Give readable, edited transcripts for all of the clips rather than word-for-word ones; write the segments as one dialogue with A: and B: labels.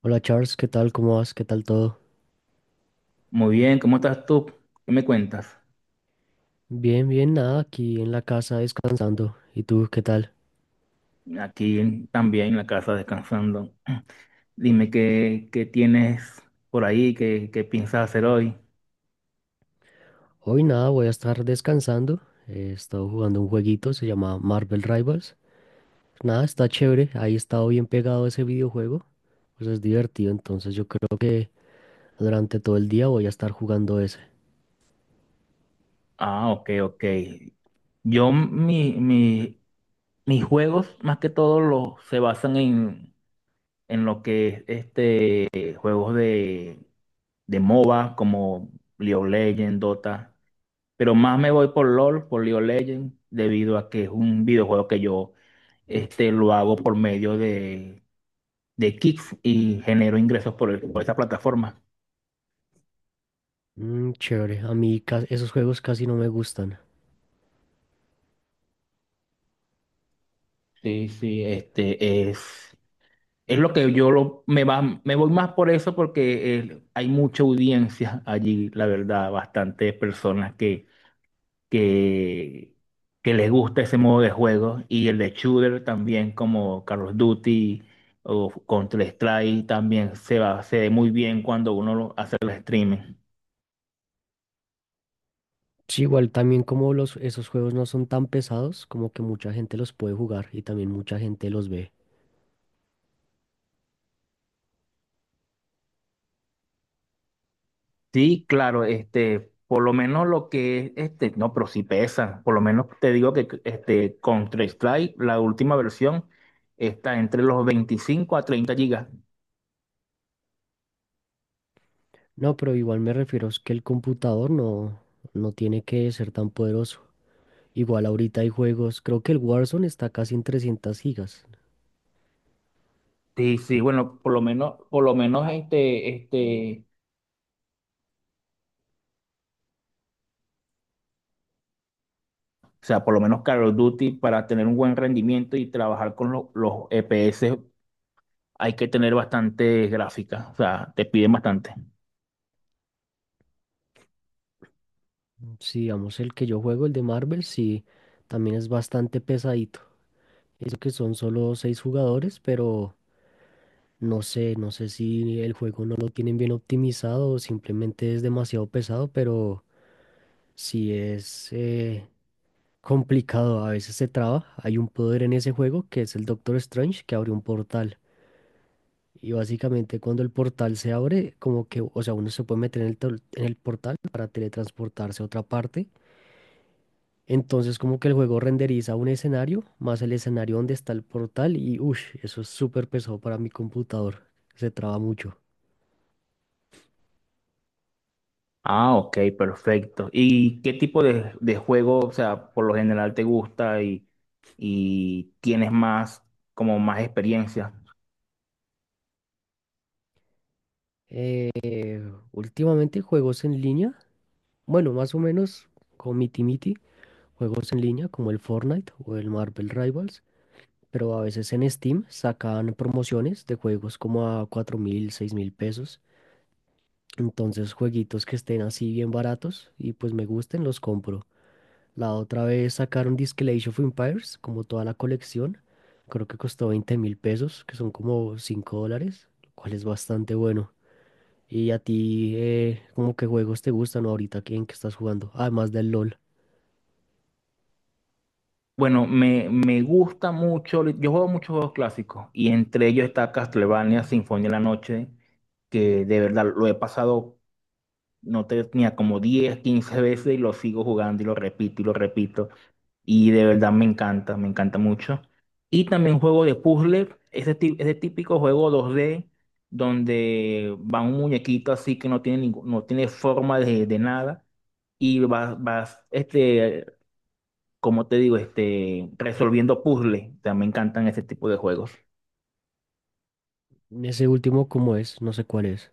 A: Hola Charles, ¿qué tal? ¿Cómo vas? ¿Qué tal todo?
B: Muy bien, ¿cómo estás tú? ¿Qué me cuentas?
A: Bien, bien, nada, aquí en la casa descansando. ¿Y tú qué tal?
B: Aquí también en la casa descansando. Dime qué tienes por ahí, qué piensas hacer hoy.
A: Hoy nada, voy a estar descansando. He estado jugando un jueguito, se llama Marvel Rivals. Nada, está chévere, ahí he estado bien pegado a ese videojuego. Pues es divertido, entonces yo creo que durante todo el día voy a estar jugando ese.
B: Ah, ok, ok. Yo, mi, mi- Mis juegos, más que todo, los, se basan en lo que es este, juegos de MOBA, como League of Legends, Dota. Pero más me voy por LOL, por League of Legends, debido a que es un videojuego que yo este, lo hago por medio de Kick y genero ingresos por, por esa plataforma.
A: Mm, chévere, a mí esos juegos casi no me gustan.
B: Sí, sí, es lo que me va, me voy más por eso porque hay mucha audiencia allí, la verdad, bastantes personas que, que les gusta ese modo de juego y el de shooter también como Call of Duty o Counter-Strike también se ve muy bien cuando uno lo hace el streaming.
A: Sí, igual también como los, esos juegos no son tan pesados, como que mucha gente los puede jugar y también mucha gente los ve.
B: Sí, claro, este, por lo menos lo que es, este, no, pero sí pesa, por lo menos te digo que este Counter-Strike, la última versión, está entre los 25 a 30 gigas.
A: No, pero igual me refiero es que el computador no tiene que ser tan poderoso. Igual ahorita hay juegos, creo que el Warzone está casi en 300 gigas.
B: Sí, sí, bueno, por lo menos o sea, por lo menos Call of Duty, para tener un buen rendimiento y trabajar con los EPS, hay que tener bastante gráfica. O sea, te piden bastante.
A: Si digamos el que yo juego, el de Marvel, sí, también es bastante pesadito. Eso que son solo seis jugadores, pero no sé si el juego no lo tienen bien optimizado o simplemente es demasiado pesado, pero sí es complicado. A veces se traba. Hay un poder en ese juego que es el Doctor Strange que abre un portal. Y básicamente cuando el portal se abre, como que, o sea, uno se puede meter en el, en el portal para teletransportarse a otra parte. Entonces como que el juego renderiza un escenario, más el escenario donde está el portal y, uff, eso es súper pesado para mi computador. Se traba mucho.
B: Ah, ok, perfecto. ¿Y qué tipo de juego, o sea, por lo general te gusta y tienes más, como más experiencia?
A: Eh, últimamente juegos en línea, bueno, más o menos con Miti Miti, juegos en línea como el Fortnite o el Marvel Rivals. Pero a veces en Steam sacan promociones de juegos como a 4.000, 6.000 pesos. Entonces, jueguitos que estén así bien baratos y pues me gusten, los compro. La otra vez sacaron Disque Age of Empires, como toda la colección. Creo que costó 20.000 pesos, que son como 5 dólares, lo cual es bastante bueno. ¿Y a ti, como qué juegos te gustan ahorita? ¿En qué estás jugando? Además del LOL.
B: Bueno, me gusta mucho, yo juego muchos juegos clásicos y entre ellos está Castlevania, Sinfonía de la Noche, que de verdad lo he pasado no tenía como 10 15 veces y lo sigo jugando y lo repito y lo repito. Y de verdad me encanta mucho. Y también juego de puzzle, ese típico juego dos d, donde va un muñequito así que no tiene, no tiene forma de nada y vas este, como te digo, este, resolviendo puzzles. O sea, me encantan ese tipo de juegos.
A: Ese último, ¿cómo es? No sé cuál es.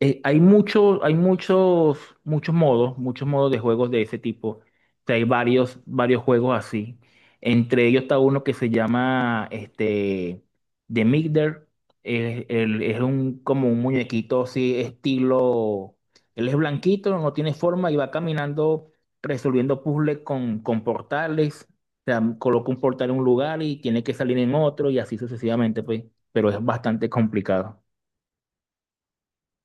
B: Hay muchos, muchos modos de juegos de ese tipo. O sea, hay varios, varios juegos así. Entre ellos está uno que se llama este, The Migder. Es un, como un muñequito así, estilo. Él es blanquito, no tiene forma y va caminando resolviendo puzzles con portales. O sea, coloca un portal en un lugar y tiene que salir en otro y así sucesivamente, pues. Pero es bastante complicado.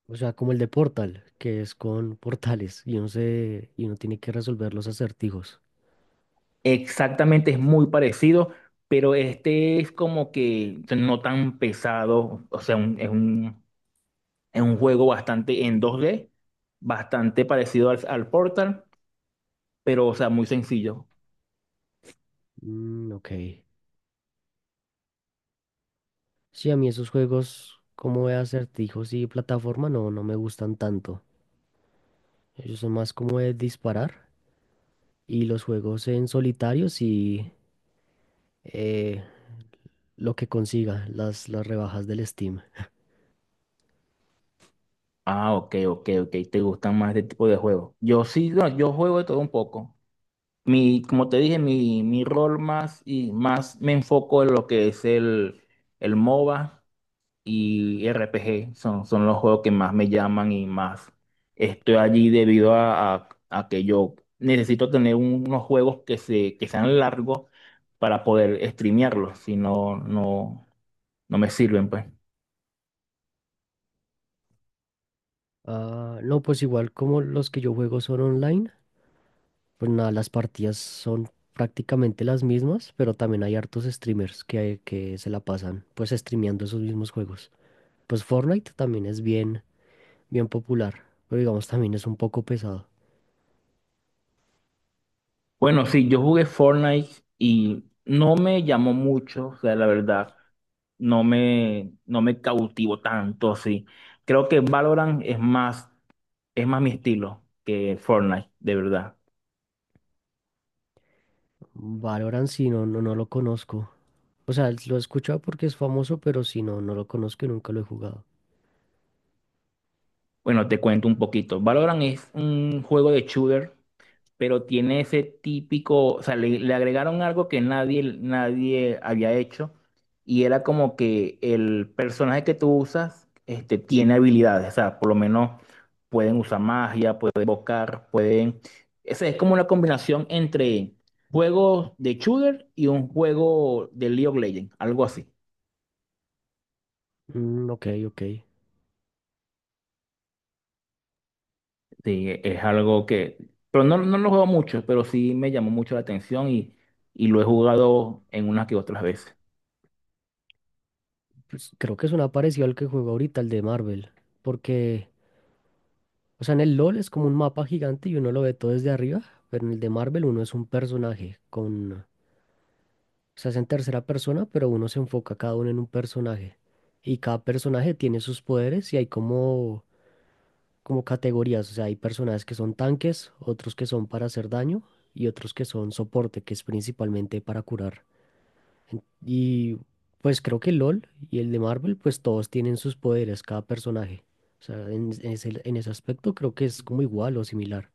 A: O sea, como el de Portal, que es con portales y uno se, y uno tiene que resolver los acertijos.
B: Exactamente, es muy parecido, pero este es como que no tan pesado, o sea, es un juego bastante en dos d, bastante parecido al, al Portal, pero, o sea, muy sencillo.
A: Mm, ok. Sí, a mí esos juegos como de acertijos y plataforma no, no me gustan tanto. Ellos son más como de disparar y los juegos en solitario sí eh, lo que consiga, las rebajas del Steam.
B: Ah, ok, ok, ok, te gustan más este tipo de juegos. Yo sí, no, yo juego de todo un poco. Mi, como te dije, mi rol más y más me enfoco en lo que es el MOBA y RPG son, son los juegos que más me llaman y más estoy allí debido a que yo necesito tener unos juegos que sean largos para poder streamearlos, si no, no me sirven, pues.
A: Ah, no, pues igual como los que yo juego son online. Pues nada, las partidas son prácticamente las mismas, pero también hay hartos streamers que se la pasan pues streameando esos mismos juegos. Pues Fortnite también es bien, bien popular, pero digamos también es un poco pesado.
B: Bueno, sí, yo jugué Fortnite y no me llamó mucho, o sea, la verdad, no me cautivó tanto, sí. Creo que Valorant es más mi estilo que Fortnite, de verdad.
A: Valorant sí, no, no, no lo conozco. O sea, lo he escuchado porque es famoso, pero si no, no lo conozco y nunca lo he jugado.
B: Bueno, te cuento un poquito. Valorant es un juego de shooter, pero tiene ese típico, o sea, le agregaron algo que nadie había hecho y era como que el personaje que tú usas, este, tiene habilidades, o sea, por lo menos pueden usar magia, pueden invocar, pueden... Esa es como una combinación entre juegos de shooter y un juego de League of Legends, algo así.
A: Mm, ok, ok.
B: Sí, es algo que, pero no, no lo juego mucho, pero sí me llamó mucho la atención y lo he jugado en unas que otras veces.
A: Pues creo que es una parecido al que juego ahorita, el de Marvel, porque o sea, en el LOL es como un mapa gigante y uno lo ve todo desde arriba, pero en el de Marvel uno es un personaje con... O sea, es en tercera persona, pero uno se enfoca cada uno en un personaje. Y cada personaje tiene sus poderes y hay como, como categorías. O sea, hay personajes que son tanques, otros que son para hacer daño y otros que son soporte, que es principalmente para curar. Y pues creo que LOL y el de Marvel, pues todos tienen sus poderes, cada personaje. O sea, en ese aspecto creo que es como igual o similar.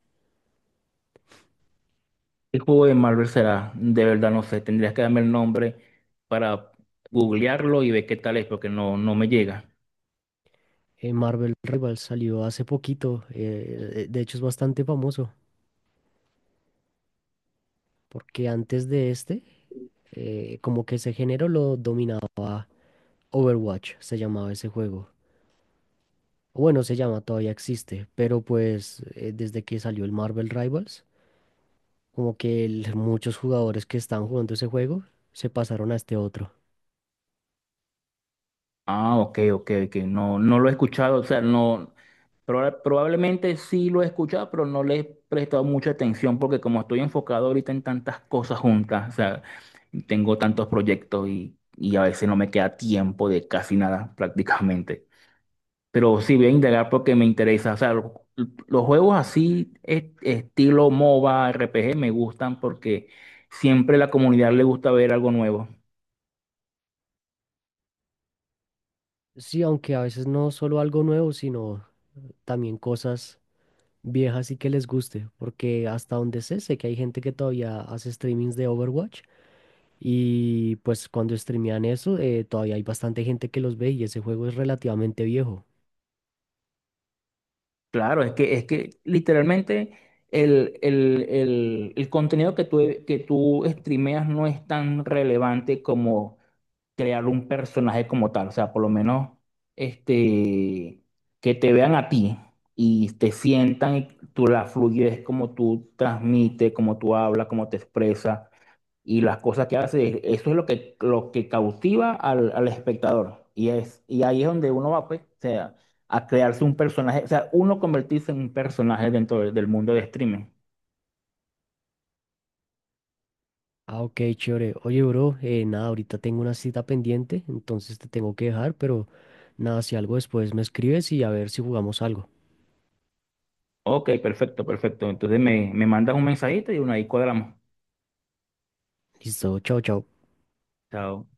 B: ¿Qué juego de Marvel será? De verdad no sé, tendrías que darme el nombre para googlearlo y ver qué tal es, porque no, no me llega.
A: Marvel Rivals salió hace poquito, de hecho es bastante famoso, porque antes de este, como que ese género lo dominaba Overwatch, se llamaba ese juego. O bueno, se llama, todavía existe, pero pues desde que salió el Marvel Rivals, como que muchos jugadores que están jugando ese juego se pasaron a este otro.
B: Ah, ok, ok, ok. No, no lo he escuchado, o sea, no, probablemente sí lo he escuchado, pero no le he prestado mucha atención porque como estoy enfocado ahorita en tantas cosas juntas, o sea, tengo tantos proyectos y a veces no me queda tiempo de casi nada prácticamente. Pero sí voy a indagar porque me interesa, o sea, los juegos así, estilo MOBA, RPG, me gustan porque siempre la comunidad le gusta ver algo nuevo.
A: Sí, aunque a veces no solo algo nuevo, sino también cosas viejas y que les guste, porque hasta donde sé que hay gente que todavía hace streamings de Overwatch y pues cuando streamean eso, todavía hay bastante gente que los ve y ese juego es relativamente viejo.
B: Claro, es que literalmente el contenido que tú streameas no es tan relevante como crear un personaje como tal. O sea, por lo menos este, que te vean a ti y te sientan y tú la fluyes, como tú transmites, como tú hablas, como te expresas y las cosas que hace, eso es lo que cautiva al, al espectador. Y, es, y ahí es donde uno va, pues, o sea, a crearse un personaje, o sea, uno convertirse en un personaje dentro de del mundo de streaming.
A: Ah, ok, chévere. Oye, bro, nada, ahorita tengo una cita pendiente, entonces te tengo que dejar, pero nada, si algo después me escribes y a ver si jugamos algo.
B: Ok, perfecto, perfecto. Entonces me mandas un mensajito y uno ahí cuadramos.
A: Listo, chao, chao.
B: Chao.